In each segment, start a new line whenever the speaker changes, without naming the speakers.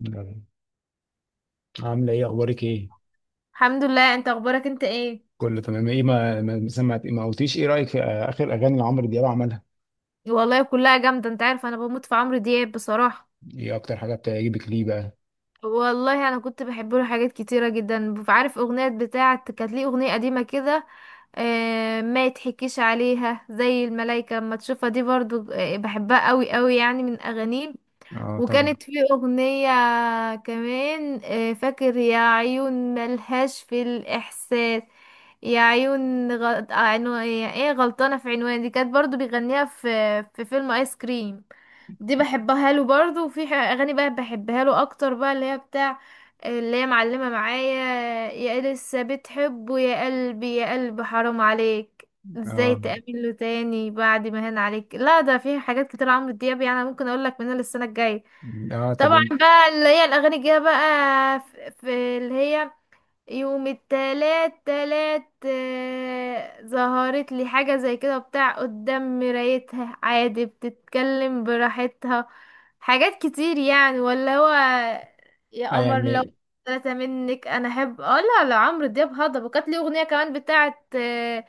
يلا. عاملة ايه، اخبارك ايه؟
الحمد لله. انت اخبارك انت ايه؟
كله تمام. ايه، ما سمعت، ما قلتيش ايه رأيك في اخر اغاني لعمرو دياب عملها؟
والله كلها جامده. انت عارف، انا بموت في عمرو دياب بصراحه.
ايه اكتر حاجة بتعجبك، ليه بقى؟
والله انا كنت بحب له حاجات كتيره جدا. عارف اغنيه بتاعه، كانت ليه اغنيه قديمه كده، ما يتحكيش عليها، زي الملايكه لما تشوفها. دي برضو بحبها قوي قوي، يعني من اغانيه.
اه، طبعا.
وكانت في أغنية كمان، فاكر يا عيون ملهاش في الإحساس، يا عيون ايه، غلطانة في عنوان. دي كانت برضو بيغنيها في في فيلم آيس كريم. دي بحبها له برضو. أغاني بقى بحبها له أكتر بقى، اللي هي بتاع اللي هي معلمة معايا، يا لسه بتحبه، يا قلبي يا قلبي حرام عليك، ازاي
اه،
تقابله تاني بعد ما هان عليك. لا ده في حاجات كتير عمرو دياب، يعني أنا ممكن اقول لك منها للسنه الجايه.
اه، طب
طبعا بقى اللي هي الاغاني الجايه بقى، في اللي هي يوم التلات تلات، ظهرت لي حاجة زي كده، بتاع قدام مرايتها عادي بتتكلم براحتها. حاجات كتير يعني ولا هو
اه،
يا قمر لو
يعني.
ثلاثة منك انا احب. اه لا لا، عمرو دياب هضبة، وكانت ليه اغنية كمان بتاعت،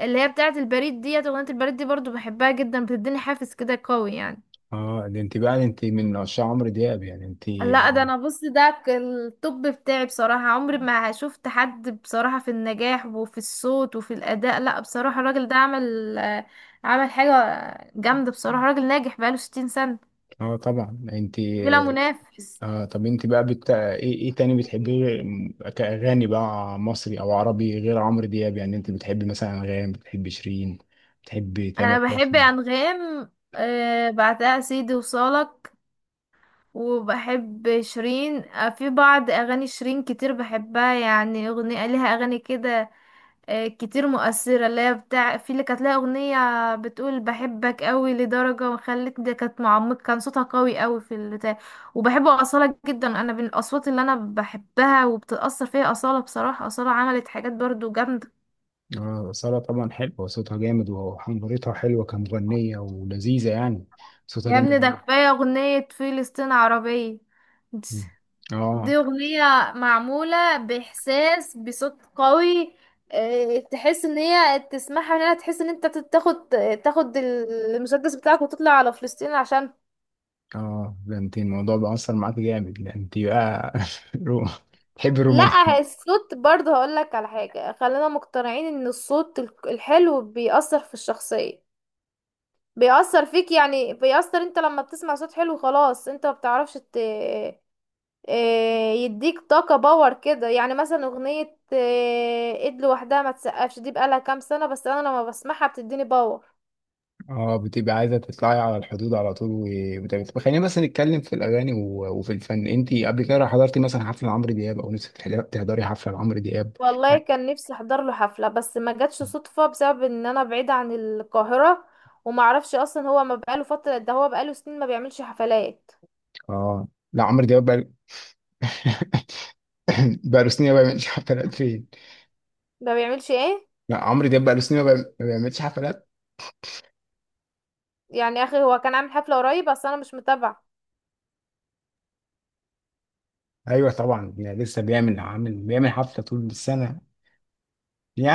اللي هي بتاعت البريد. ديت اغنية البريد دي برضو بحبها جدا، بتديني حافز كده قوي يعني.
اه، ده انت بقى انت من عشاق عمرو دياب، يعني انت.
لا ده انا، بص، الطب بتاعي بصراحة، عمري ما شفت حد بصراحة في النجاح وفي الصوت وفي الأداء. لا بصراحة الراجل ده عمل، عمل حاجة جامدة بصراحة. راجل ناجح بقاله 60 سنة
اه طبعا، انت.
بلا منافس.
اه، طب انت بقى ايه تاني بتحبيه كأغاني بقى، مصري او عربي، غير عمرو دياب، يعني انت بتحبي مثلا انغام، بتحبي شيرين، بتحبي
انا
تامر
بحب
حسني؟
انغام، بعدها سيدي وصالك. وبحب شيرين، في بعض اغاني شيرين كتير بحبها يعني. اغنية لها، اغاني كده كتير مؤثرة، اللي هي بتاع في، اللي كانت لها أغنية بتقول بحبك قوي لدرجة وخلتني، دي كانت معمق، كان صوتها قوي قوي في البتاع. وبحب أصالة جدا، أنا من الأصوات اللي أنا بحبها وبتأثر فيها أصالة. بصراحة أصالة عملت حاجات برضو جامدة.
اه، سارة، طبعا حلوة، صوتها جامد وحنجرتها حلوة كمغنية ولذيذة يعني. صوتها
يا
جامد
ابني ده
موت.
كفاية أغنية فلسطين عربية.
مم. اه.
دي أغنية معمولة بإحساس، بصوت قوي، تحس ان هي تسمعها، ان هي تحس ان انت تاخد تاخد المسدس بتاعك وتطلع على فلسطين عشان...
اه، ده انت الموضوع بقى أثر معاك جامد، لأن انت بقى رو... تحبي
لا،
الرومانسي.
الصوت برضه، هقولك على حاجة، خلينا مقتنعين ان الصوت الحلو بيأثر في الشخصية. بيأثر فيك يعني، بيأثر انت لما بتسمع صوت حلو خلاص، انت ما بتعرفش ت... آه، يديك طاقة، باور كده يعني. مثلا اغنية، ايد لوحدها ما تسقفش، دي بقالها كام سنة، بس انا لما بسمعها بتديني باور.
اه، بتبقى عايزة تطلعي على الحدود على طول. وبتبقى، طب خلينا بس نتكلم في الأغاني وفي الفن. انت قبل كده حضرتي مثلا حفلة لعمرو دياب، أو نفسك تحضري حفلة لعمرو دياب؟
والله
يعني؟
كان نفسي احضر له حفلة، بس ما جاتش صدفة بسبب ان انا بعيدة عن القاهرة، ومعرفش اصلا. هو ما بقاله فترة، ده هو بقاله سنين ما بيعملش حفلات.
اه. لا، عمرو دياب بقى بقى له سنين ما بيعملش حفلات فين.
ما بيعملش ايه؟
لا، عمرو دياب بقاله سنين ما بيعملش حفلات.
يعني اخي، هو كان عامل حفلة قريب بس انا مش متابعة.
ايوه طبعا، يعني لسه بيعمل، عامل بيعمل حفله طول السنه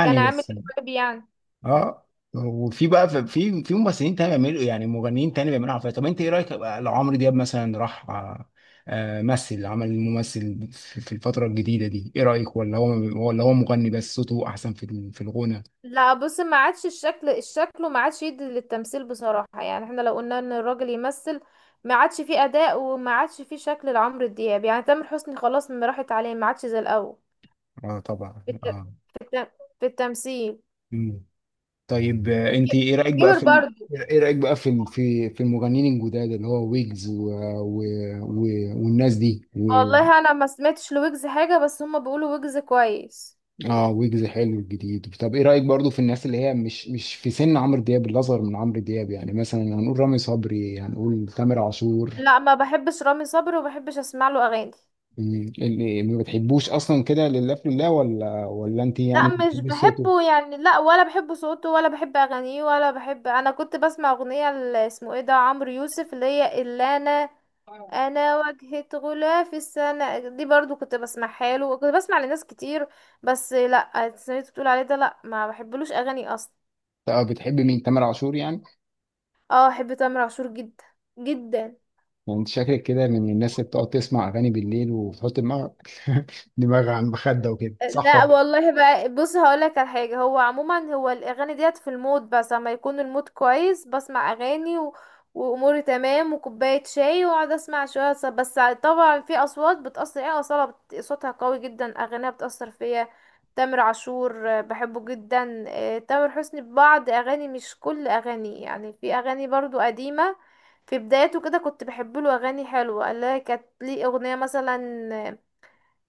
كان عامل
بس.
ايه قريب يعني؟
اه. وفي بقى في ممثلين تاني بيعملوا، يعني مغنيين تاني بيعملوا حفلات. طب انت ايه رايك بقى لو عمرو دياب مثلا راح مثل، عمل ممثل في الفتره الجديده دي، ايه رايك؟ ولا هو، ولا هو مغني بس صوته احسن في الغنى؟
لا بص، ما عادش الشكل الشكل، وما عادش يدي للتمثيل بصراحة. يعني احنا لو قلنا ان الراجل يمثل، ما عادش فيه اداء، وما عادش فيه شكل لعمرو دياب. يعني تامر حسني خلاص ما راحت عليه، ما عادش زي الاول
اه، طبعا.
في, الت... في, الت... في التمثيل.
اه، طيب
ما
انت
ك-
ايه رايك بقى
كبر برضه.
ايه رايك بقى في المغنيين الجداد، اللي هو ويجز و... و... والناس دي
والله انا ما سمعتش لويجز حاجة، بس هما بيقولوا ويجز كويس.
اه، ويجز حلو الجديد. طب ايه رايك برضو في الناس اللي هي مش في سن عمرو دياب، اللي اصغر من عمرو دياب، يعني مثلا هنقول رامي صبري، هنقول تامر عاشور.
لا ما بحبش رامي صبري، وما بحبش اسمع له اغاني.
اللي ما بتحبوش اصلا كده لله في الله، ولا انت
لا
يعني
مش
بتحبي صوته؟
بحبه يعني، لا ولا بحب صوته، ولا بحب اغانيه، ولا بحب. انا كنت بسمع اغنية اسمه ايه ده، عمرو يوسف، اللي هي اللي انا واجهة غلافي السنة دي برضو كنت بسمعها له، وكنت بسمع لناس كتير. بس لا، سمعت بتقول عليه ده، لا ما بحبلوش اغاني اصلا.
طب بتحبي مين، تامر عاشور يعني؟
اه بحب تامر عاشور جدا جدا.
انت شكلك كده من الناس اللي بتقعد تسمع اغاني بالليل وتحط دماغك دماغك على المخدة وكده، صح
لا
ولا؟
والله بقى، بص، هقولك على حاجه. هو عموما هو الاغاني ديت في المود، بس اما يكون المود كويس بسمع اغاني و... واموري تمام وكوبايه شاي واقعد اسمع شويه بس طبعا في اصوات بتاثر. ايه، اصاله صوتها قوي جدا، اغانيها بتاثر فيا. تامر عاشور، بحبه جدا. تامر حسني ببعض اغاني مش كل اغاني يعني، في اغاني برضو قديمه في بدايته كده كنت بحب له اغاني حلوه، اللي هي كانت ليه اغنيه مثلا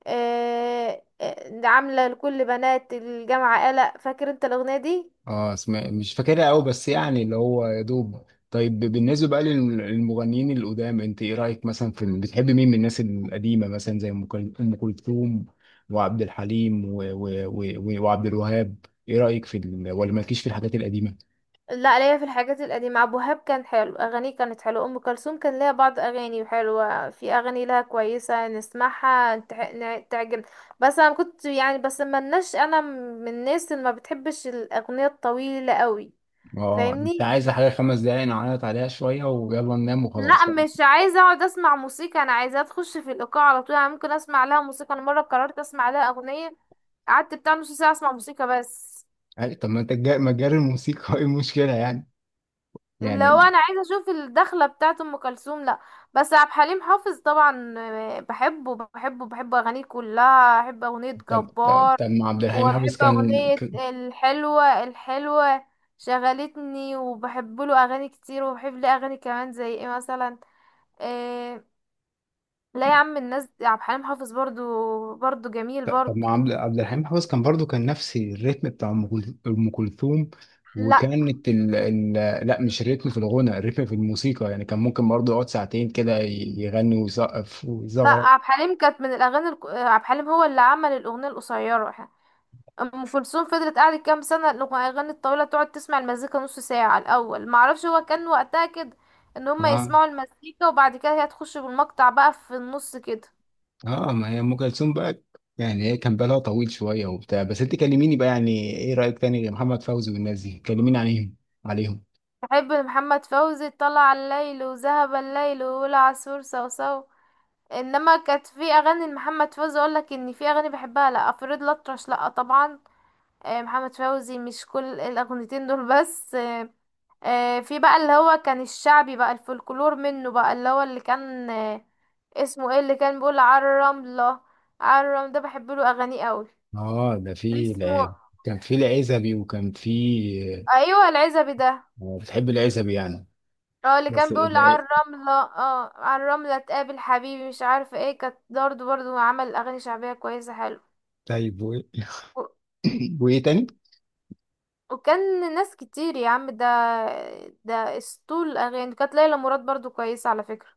عاملة لكل بنات الجامعة قلق. فاكر انت الأغنية دي؟
اه، اسمع، مش فاكرها قوي، بس يعني اللي هو يا دوب. طيب بالنسبة بقى للمغنيين القدام، انت ايه رأيك، مثلا في بتحب مين من الناس القديمة، مثلا زي أم كلثوم، وعبد الحليم وعبد الوهاب. ايه رأيك في ولا مالكيش في الحاجات القديمة؟
لا ليا في الحاجات القديمة. أبو وهاب كان حلو، أغانيه كانت حلوة. أم كلثوم كان ليها بعض أغاني حلوة، في أغاني لها كويسة نسمعها تعجب. بس أنا كنت يعني، بس ملناش، أنا من الناس اللي ما بتحبش الأغنية الطويلة قوي.
اه، انت
فاهمني؟
عايز حاجة 5 دقايق، نعيط عليها شوية ويلا ننام
لا
وخلاص.
مش عايزة أقعد أسمع موسيقى، أنا عايزة أخش في الإيقاع على طول. أنا ممكن أسمع لها موسيقى، أنا مرة قررت أسمع لها أغنية، قعدت بتاع نص ساعة اسمع موسيقى بس.
طب ما انت ما تجاري الموسيقى ايه المشكلة يعني؟
لو
يعني.
انا عايزه اشوف الدخله بتاعه ام كلثوم، لا. بس عبد الحليم حافظ طبعا، بحبه، بحبه، بحب اغانيه كلها. احب اغنيه
طب طب
جبار،
طب ما عبد الحليم حافظ
وبحب اغنيه الحلوه الحلوه شغلتني، وبحب له اغاني كتير، وبحب له اغاني كمان زي ايه مثلا، إيه. لا يا عم الناس، عبد الحليم حافظ برضو، برضو جميل
طب
برضو.
ما عبد الحليم حافظ كان برضو كان نفس الريتم بتاع أم كلثوم،
لا
وكانت لا، مش الريتم في الغنى، الريتم في الموسيقى، يعني كان ممكن برضو يقعد 2 ساعة كده، يغني ويسقف
لا،
ويزغرط.
عبد الحليم كانت من الاغاني عبد الحليم هو اللي عمل الاغنيه القصيره. ام كلثوم فضلت قاعدة كام سنة، الأغاني الطويلة، تقعد تسمع المزيكا نص ساعة الأول، معرفش هو كان وقتها كده، ان هما
اه.
يسمعوا المزيكا وبعد كده هي تخش بالمقطع بقى في النص كده.
اه، ما هي ام كلثوم بقى، يعني هي كان بالها طويل شويه وبتاع. بس انت كلميني بقى، يعني ايه رايك تاني غير محمد فوزي والناس دي، كلميني عليهم. عليهم
بحب محمد فوزي، طلع على الليل، وذهب الليل، والعصفور صوصو. انما كانت في اغاني لمحمد فوزي اقول لك ان في اغاني بحبها. لا افريد الاطرش، لا طبعا. محمد فوزي مش كل الاغنيتين دول بس. في بقى اللي هو كان الشعبي بقى، الفولكلور منه بقى، اللي هو اللي كان اسمه ايه اللي كان بيقول عالرملة. عالرملة ده بحب له اغانيه قوي.
اه، ده
كان اسمه...
كان في العزبي، وكان في
ايوه العزبي ده.
بتحب العزبي يعني.
اه اللي
بس
كان بيقول عالرملة، عالرملة تقابل حبيبي مش عارفة ايه. كانت برضه برضه عمل اغاني شعبية كويسة حلو.
طيب
و-
وايه تاني؟
وكان ناس كتير يا عم. ده اسطول الاغاني. كانت ليلى مراد برضه كويسة على فكرة.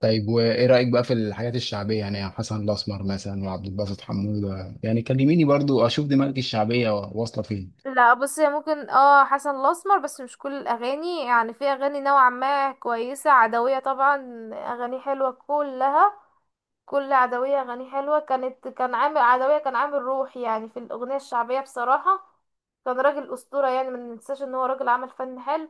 طيب وايه رايك بقى في الحاجات الشعبيه، يعني يا حسن الاسمر مثلا، وعبد الباسط حموده يعني؟ كلميني برضو اشوف دماغك الشعبيه واصله فين.
لا بص هي ممكن حسن الاسمر، بس مش كل الاغاني يعني، في اغاني نوعا ما كويسه. عدويه طبعا اغاني حلوه كلها، كل عدويه اغاني حلوه. كانت، كان عامل عدويه، كان عامل روح يعني في الاغنيه الشعبيه بصراحه، كان راجل اسطوره. يعني ما ننساش ان هو راجل عمل فن حلو.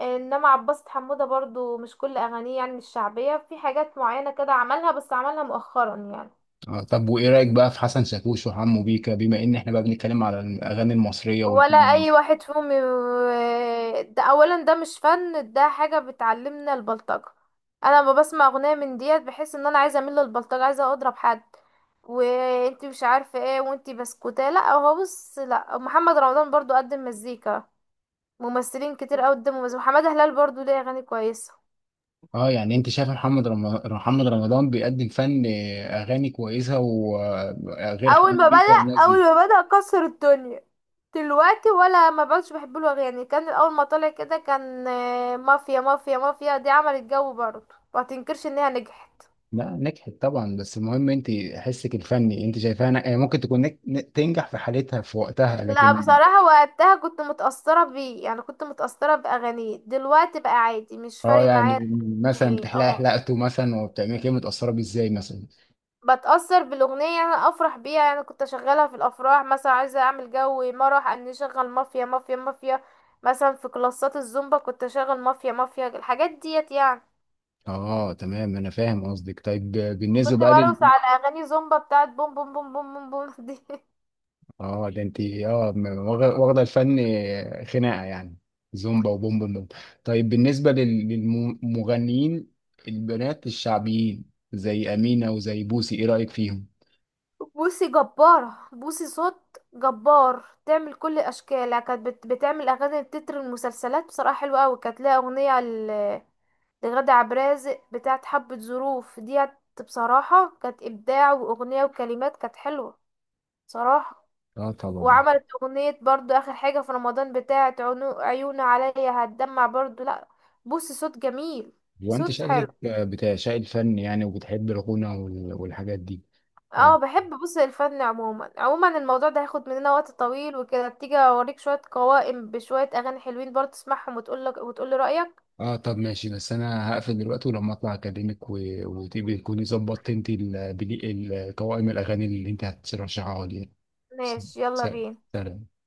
انما عباس حموده برضو مش كل اغانيه يعني الشعبيه، في حاجات معينه كده عملها، بس عملها مؤخرا يعني.
طب وايه رايك بقى في حسن شاكوش وحمو بيكا، بما ان احنا بقى بنتكلم على الاغاني المصريه والفن
ولا اي
المصري؟
واحد فيهم، ده اولا ده مش فن، ده حاجه بتعلمنا البلطجه. انا لما بسمع اغنيه من ديت، بحس ان انا عايزه اميل للبلطجه، عايزه اضرب حد، وانتي مش عارفه ايه وانتي بسكوتة. لا هو بص، لا محمد رمضان برضو قدم مزيكا، ممثلين كتير قوي قدموا مزيكا، محمد هلال برضو ليه اغاني كويسه.
اه، يعني انت شايف محمد رمضان بيقدم فن اغاني كويسه، وغير
اول
حمو
ما
بيكا
بدأ
والناس
اول
دي؟
ما بدأ كسر الدنيا. دلوقتي ولا، ما بقتش بحب له يعني. كان اول ما طلع كده كان، مافيا مافيا مافيا دي عملت جو برضه، ما تنكرش انها نجحت.
لا، نجحت طبعا، بس المهم انت حسك الفني انت شايفاها يعني ممكن تكون تنجح في حالتها، في وقتها،
لا
لكن.
بصراحة وقتها كنت متأثرة بيه، يعني كنت متأثرة بأغانيه. دلوقتي بقى عادي مش
اه،
فارق
يعني
معايا.
مثلا
ايه
بتحلقي
اه،
حلقته مثلا وبتعملي كده متأثرة بيه ازاي مثلا؟
بتأثر بالأغنية يعني، أفرح بيها. يعني كنت أشغلها في الأفراح مثلا، عايزة أعمل جو مرح، أن أشغل مافيا مافيا مافيا مثلا. في كلاسات الزومبا كنت أشغل مافيا مافيا، الحاجات ديت يعني.
اه، تمام، انا فاهم قصدك. طيب بالنسبة
كنت
بقى لل.
برقص على أغاني زومبا بتاعت بوم بوم بوم بوم بوم بوم دي
اه، ده انت واخدة الفن خناقة يعني. زومبا وبوم بوم بوم. طيب بالنسبة للمغنيين البنات الشعبيين، زي أمينة وزي بوسي، ايه رأيك فيهم؟
بوسي جبارة، بوسي صوت جبار، تعمل كل الأشكال يعني. كانت بتعمل أغاني تتر المسلسلات بصراحة حلوة أوي. كانت لها أغنية لغادة عبد الرازق بتاعت حبة ظروف ديت، بصراحة كانت إبداع. وأغنية وكلمات كانت حلوة صراحة.
اه طبعا.
وعملت أغنية برضو آخر حاجة في رمضان بتاعت عيون عليا هتدمع، برضو لأ، بص صوت جميل،
وانت
صوت حلو.
شكلك بتاع شايل فن يعني، وبتحب الغنى والحاجات دي.
اه
اه،
بحب. بص، الفن عموما عموما، الموضوع ده هياخد مننا وقت طويل. وكده تيجي اوريك شوية قوائم بشوية اغاني حلوين برضه تسمعهم، وتقولك وتقولي رأيك.
طب ماشي، بس انا هقفل دلوقتي، ولما اطلع اكلمك وتبقي تكوني ظبطت انت قوائم الاغاني اللي انت هترشحها لي. س-
ماشي، يلا
سلام
بينا.
سلام.